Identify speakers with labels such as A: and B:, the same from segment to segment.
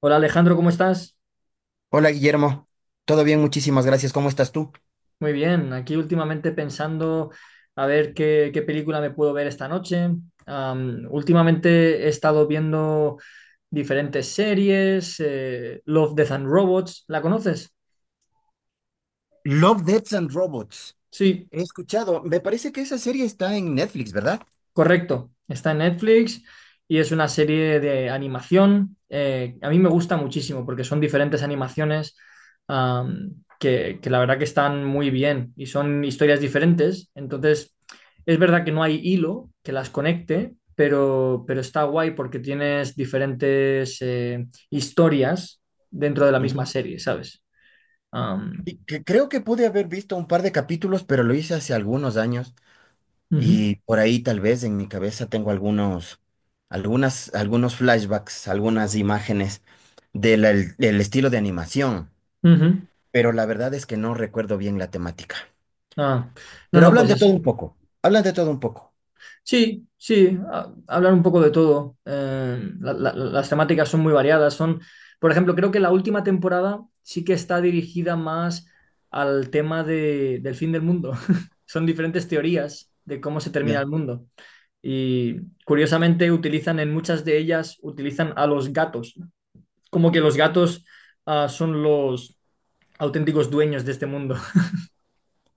A: Hola Alejandro, ¿cómo estás?
B: Hola Guillermo, todo bien, muchísimas gracias. ¿Cómo estás tú?
A: Muy bien, aquí últimamente pensando a ver qué película me puedo ver esta noche. Últimamente he estado viendo diferentes series, Love, Death and Robots, ¿la conoces?
B: Love, Deaths and Robots.
A: Sí.
B: He escuchado, me parece que esa serie está en Netflix, ¿verdad?
A: Correcto, está en Netflix y es una serie de animación. A mí me gusta muchísimo porque son diferentes animaciones que la verdad que están muy bien y son historias diferentes. Entonces, es verdad que no hay hilo que las conecte, pero está guay porque tienes diferentes historias dentro de la misma
B: Ujú.
A: serie, ¿sabes? Am,
B: Y que creo que pude haber visto un par de capítulos, pero lo hice hace algunos años
A: ujú,
B: y por ahí tal vez en mi cabeza tengo algunos, algunas, algunos flashbacks, algunas imágenes del estilo de animación,
A: ujú.
B: pero la verdad es que no recuerdo bien la temática.
A: Ah, no,
B: Pero
A: no,
B: hablan
A: pues
B: de todo
A: es.
B: un poco, hablan de todo un poco.
A: Sí, sí, hablar un poco de todo. Las temáticas son muy variadas. Son, por ejemplo, creo que la última temporada sí que está dirigida más al del fin del mundo. Son diferentes teorías de cómo se termina el mundo. Y curiosamente utilizan en muchas de ellas, utilizan a los gatos, como que los gatos, ah, son los auténticos dueños de este mundo.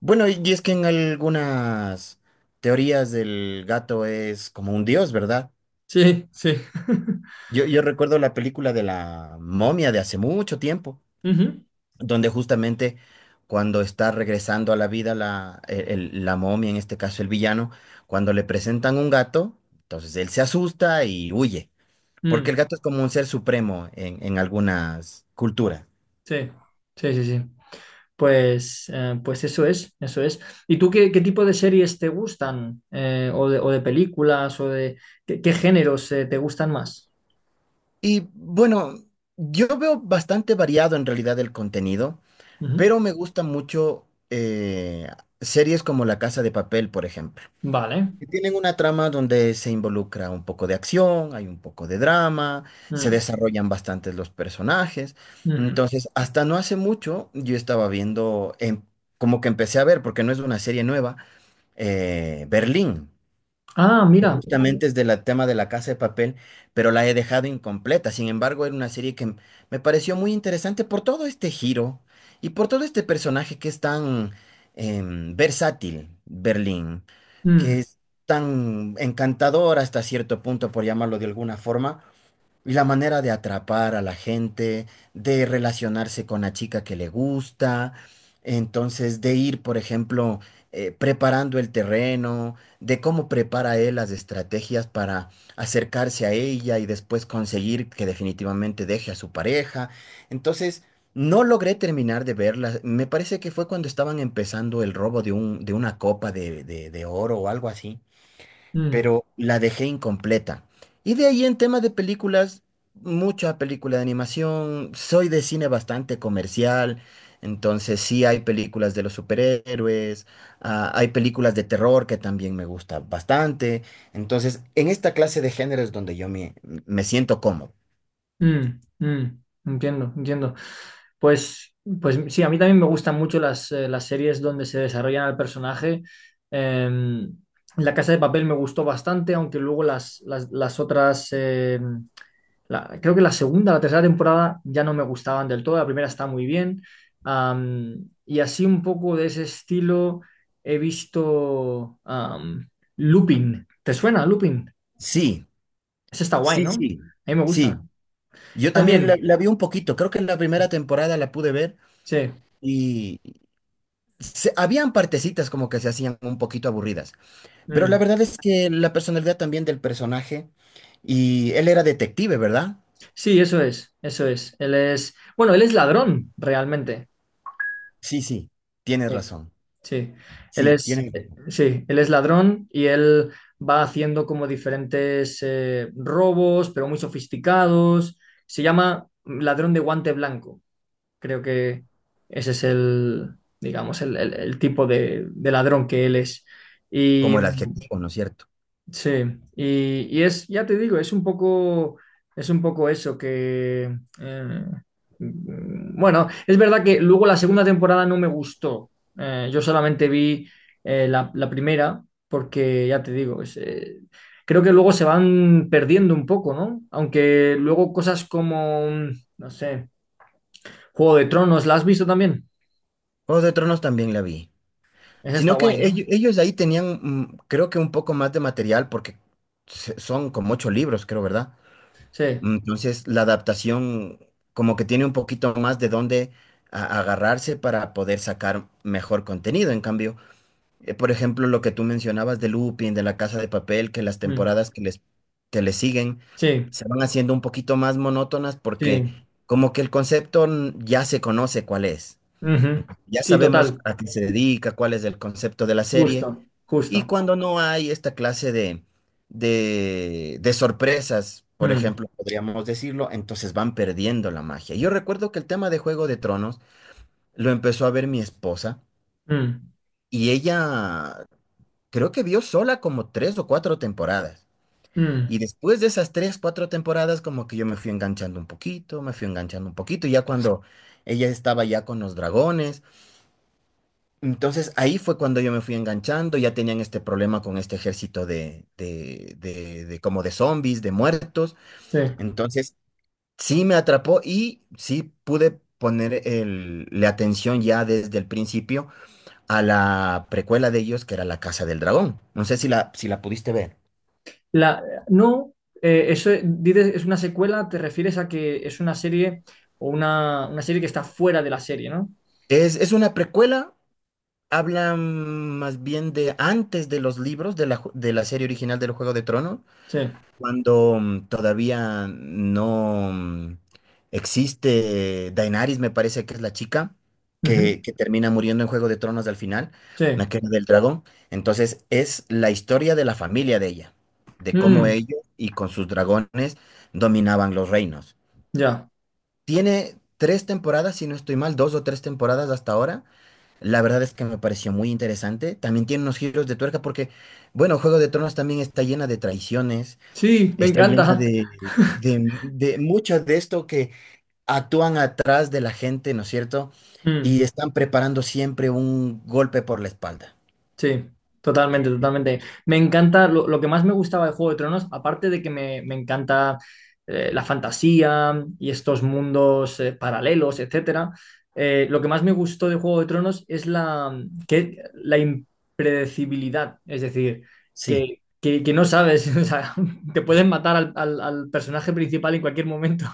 B: Bueno, y es que en algunas teorías del gato es como un dios, ¿verdad?
A: Sí, sí.
B: Yo recuerdo la película de la momia de hace mucho tiempo,
A: Ujú.
B: donde justamente cuando está regresando a la vida la momia, en este caso el villano, cuando le presentan un gato, entonces él se asusta y huye, porque
A: Mm,
B: el gato es como un ser supremo en algunas culturas.
A: sí, sí, sí, sí. Pues, pues eso es, eso es. ¿Y tú qué tipo de series te gustan? O de películas, o de qué géneros te gustan más?
B: Y bueno, yo veo bastante variado en realidad el contenido.
A: Ujú.
B: Pero me gusta mucho series como La Casa de Papel, por ejemplo,
A: Vale.
B: que tienen una trama donde se involucra un poco de acción, hay un poco de drama, se
A: Mm,
B: desarrollan bastantes los personajes.
A: ujú.
B: Entonces, hasta no hace mucho yo estaba viendo. Como que empecé a ver, porque no es una serie nueva, Berlín,
A: Ah,
B: que
A: mira.
B: justamente es del tema de la casa de papel, pero la he dejado incompleta. Sin embargo, era una serie que me pareció muy interesante por todo este giro y por todo este personaje que es tan versátil, Berlín, que
A: Mm,
B: es tan encantador hasta cierto punto, por llamarlo de alguna forma, y la manera de atrapar a la gente, de relacionarse con la chica que le gusta, entonces de ir, por ejemplo, preparando el terreno, de cómo prepara él las estrategias para acercarse a ella y después conseguir que definitivamente deje a su pareja. Entonces, no logré terminar de verla. Me parece que fue cuando estaban empezando el robo de una copa de, de oro o algo así,
A: mm,
B: pero la dejé incompleta. Y de ahí en tema de películas, mucha película de animación, soy de cine bastante comercial, entonces sí hay películas de los superhéroes, ah, hay películas de terror que también me gusta bastante, entonces en esta clase de géneros donde me siento cómodo.
A: mm. Entiendo, entiendo. Pues, pues sí, a mí también me gustan mucho las series donde se desarrollan al personaje. Em, La Casa de Papel me gustó bastante, aunque luego las otras, creo que la segunda la tercera temporada ya no me gustaban del todo, la primera está muy bien. Y así un poco de ese estilo he visto, Lupin. ¿Te suena Lupin?
B: Sí,
A: Ese está guay,
B: sí,
A: ¿no? A
B: sí,
A: mí me
B: sí.
A: gusta.
B: Yo también
A: También,
B: la vi un poquito, creo que en la primera temporada la pude ver
A: sí.
B: y habían partecitas como que se hacían un poquito aburridas. Pero la
A: Mm.
B: verdad es que la personalidad también del personaje, y él era detective, ¿verdad?
A: Sí, eso es, eso es. Él es, bueno, él es ladrón realmente.
B: Sí, sí, tienes
A: Sí.
B: razón.
A: Sí,
B: Sí, tiene
A: sí, él es ladrón y él va haciendo como diferentes robos, pero muy sofisticados. Se llama Ladrón de Guante Blanco. Creo que ese es el, digamos, el tipo de ladrón que él es. Y
B: como el adjetivo, ¿no es cierto?
A: sí, y es, ya te digo, es un poco eso que, eh, bueno, es verdad que luego la segunda temporada no me gustó. Yo solamente vi la primera porque, ya te digo, es, creo que luego se van perdiendo un poco, ¿no? Aunque luego cosas como, no sé, Juego de Tronos, ¿la has visto también?
B: Juego de Tronos también la vi.
A: Esa está
B: Sino
A: guay,
B: que
A: ¿no?
B: ellos, ahí tenían, mm, creo que un poco más de material, porque son como 8 libros, creo, ¿verdad?
A: Sí,
B: Entonces, la adaptación como que tiene un poquito más de dónde agarrarse para poder sacar mejor contenido. En cambio, eh, por ejemplo, lo que tú mencionabas de Lupin, de La Casa de Papel, que las
A: mm,
B: temporadas que les, que le siguen
A: sí,
B: se van haciendo un poquito más monótonas porque
A: sí,
B: como que el concepto ya se conoce cuál es.
A: ujú.
B: Ya
A: Sí,
B: sabemos
A: total,
B: a qué se dedica, cuál es el concepto de la serie.
A: justo,
B: Y
A: justo.
B: cuando no hay esta clase de sorpresas, por
A: Mm,
B: ejemplo, podríamos decirlo, entonces van perdiendo la magia. Yo recuerdo que el tema de Juego de Tronos lo empezó a ver mi esposa.
A: mm,
B: Y ella creo que vio sola como tres o cuatro temporadas.
A: mm,
B: Y después de esas tres, cuatro temporadas, como que yo me fui enganchando un poquito, me fui enganchando un poquito, ya cuando ella estaba ya con los dragones. Entonces ahí fue cuando yo me fui enganchando, ya tenían este problema con este ejército de como de zombies, de muertos.
A: sí.
B: Entonces sí me atrapó y sí pude poner la atención ya desde el principio a la precuela de ellos, que era La Casa del Dragón. No sé si la pudiste ver.
A: La, no, dices es una secuela, te refieres a que es una serie o una serie que está fuera de la serie, ¿no?
B: Es una precuela, habla más bien de antes de los libros de de la serie original del Juego de Tronos,
A: Sí.
B: cuando mm, todavía no mm, existe Daenerys, me parece que es la chica
A: Ujú,
B: que termina muriendo en Juego de Tronos al final,
A: sí.
B: la que era del dragón. Entonces es la historia de la familia de ella, de cómo
A: Mm,
B: ellos y con sus dragones dominaban los reinos.
A: ya.
B: Tiene tres temporadas, si no estoy mal, dos o tres temporadas hasta ahora. La verdad es que me pareció muy interesante. También tiene unos giros de tuerca porque, bueno, Juego de Tronos también está llena de traiciones,
A: Sí, me
B: está llena
A: encanta.
B: de mucho de esto que actúan atrás de la gente, ¿no es cierto?
A: Mm.
B: Y están preparando siempre un golpe por la espalda.
A: Sí, totalmente, totalmente. Me encanta, lo que más me gustaba de Juego de Tronos, aparte de que me encanta la fantasía y estos mundos paralelos, etcétera, lo que más me gustó de Juego de Tronos es la, que, la impredecibilidad, es decir,
B: Sí.
A: que no sabes, o sea, te pueden matar al personaje principal en cualquier momento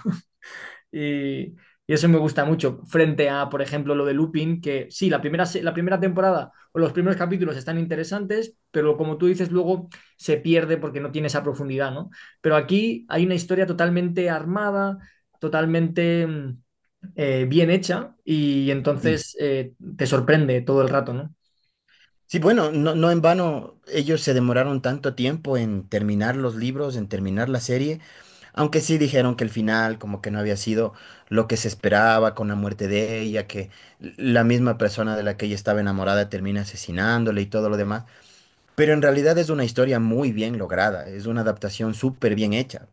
A: y, y eso me gusta mucho. Frente a, por ejemplo, lo de Lupin, que sí, la primera temporada o los primeros capítulos están interesantes, pero como tú dices, luego se pierde porque no tiene esa profundidad, ¿no? Pero aquí hay una historia totalmente armada, totalmente bien hecha y
B: Sí.
A: entonces te sorprende todo el rato, ¿no?
B: Sí, bueno, no, no en vano ellos se demoraron tanto tiempo en terminar los libros, en terminar la serie, aunque sí dijeron que el final como que no había sido lo que se esperaba con la muerte de ella, que la misma persona de la que ella estaba enamorada termina asesinándole y todo lo demás, pero en realidad es una historia muy bien lograda, es una adaptación súper bien hecha.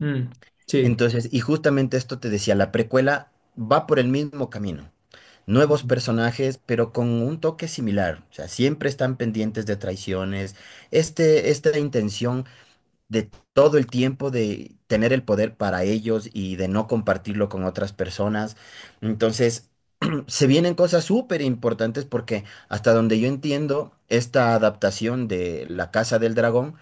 A: Mm, sí.
B: Entonces, y justamente esto te decía, la precuela va por el mismo camino. Nuevos personajes, pero con un toque similar. O sea, siempre están pendientes de traiciones. Esta intención de todo el tiempo de tener el poder para ellos y de no compartirlo con otras personas. Entonces, se vienen cosas súper importantes porque hasta donde yo entiendo, esta adaptación de La Casa del Dragón,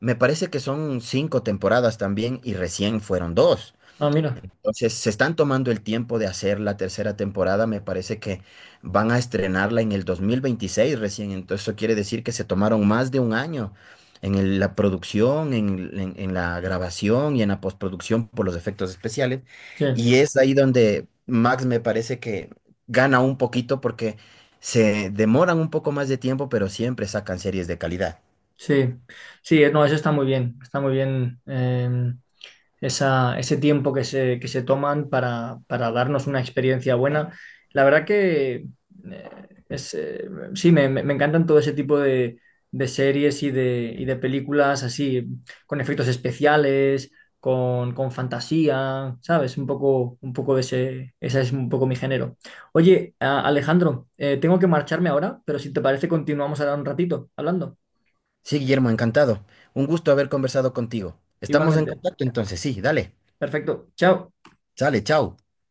B: me parece que son 5 temporadas también y recién fueron dos.
A: Ah, mira.
B: Entonces, se están tomando el tiempo de hacer la tercera temporada. Me parece que van a estrenarla en el 2026 recién. Entonces, eso quiere decir que se tomaron más de un año en la producción, en la grabación y en la postproducción por los efectos especiales.
A: Sí,
B: Y es ahí donde Max me parece que gana un poquito porque se demoran un poco más de tiempo, pero siempre sacan series de calidad.
A: sí. Sí, no, eso está muy bien. Está muy bien. Esa, ese tiempo que se toman para darnos una experiencia buena. La verdad que es, sí, me, me encantan todo ese tipo de series y de películas así, con efectos especiales, con fantasía, ¿sabes? Un poco de ese, ese es un poco mi género. Oye, Alejandro, tengo que marcharme ahora, pero si te parece continuamos ahora un ratito hablando.
B: Sí, Guillermo, encantado. Un gusto haber conversado contigo. Estamos en
A: Igualmente.
B: contacto entonces. Sí, dale.
A: Perfecto. Chao.
B: Sale, chao.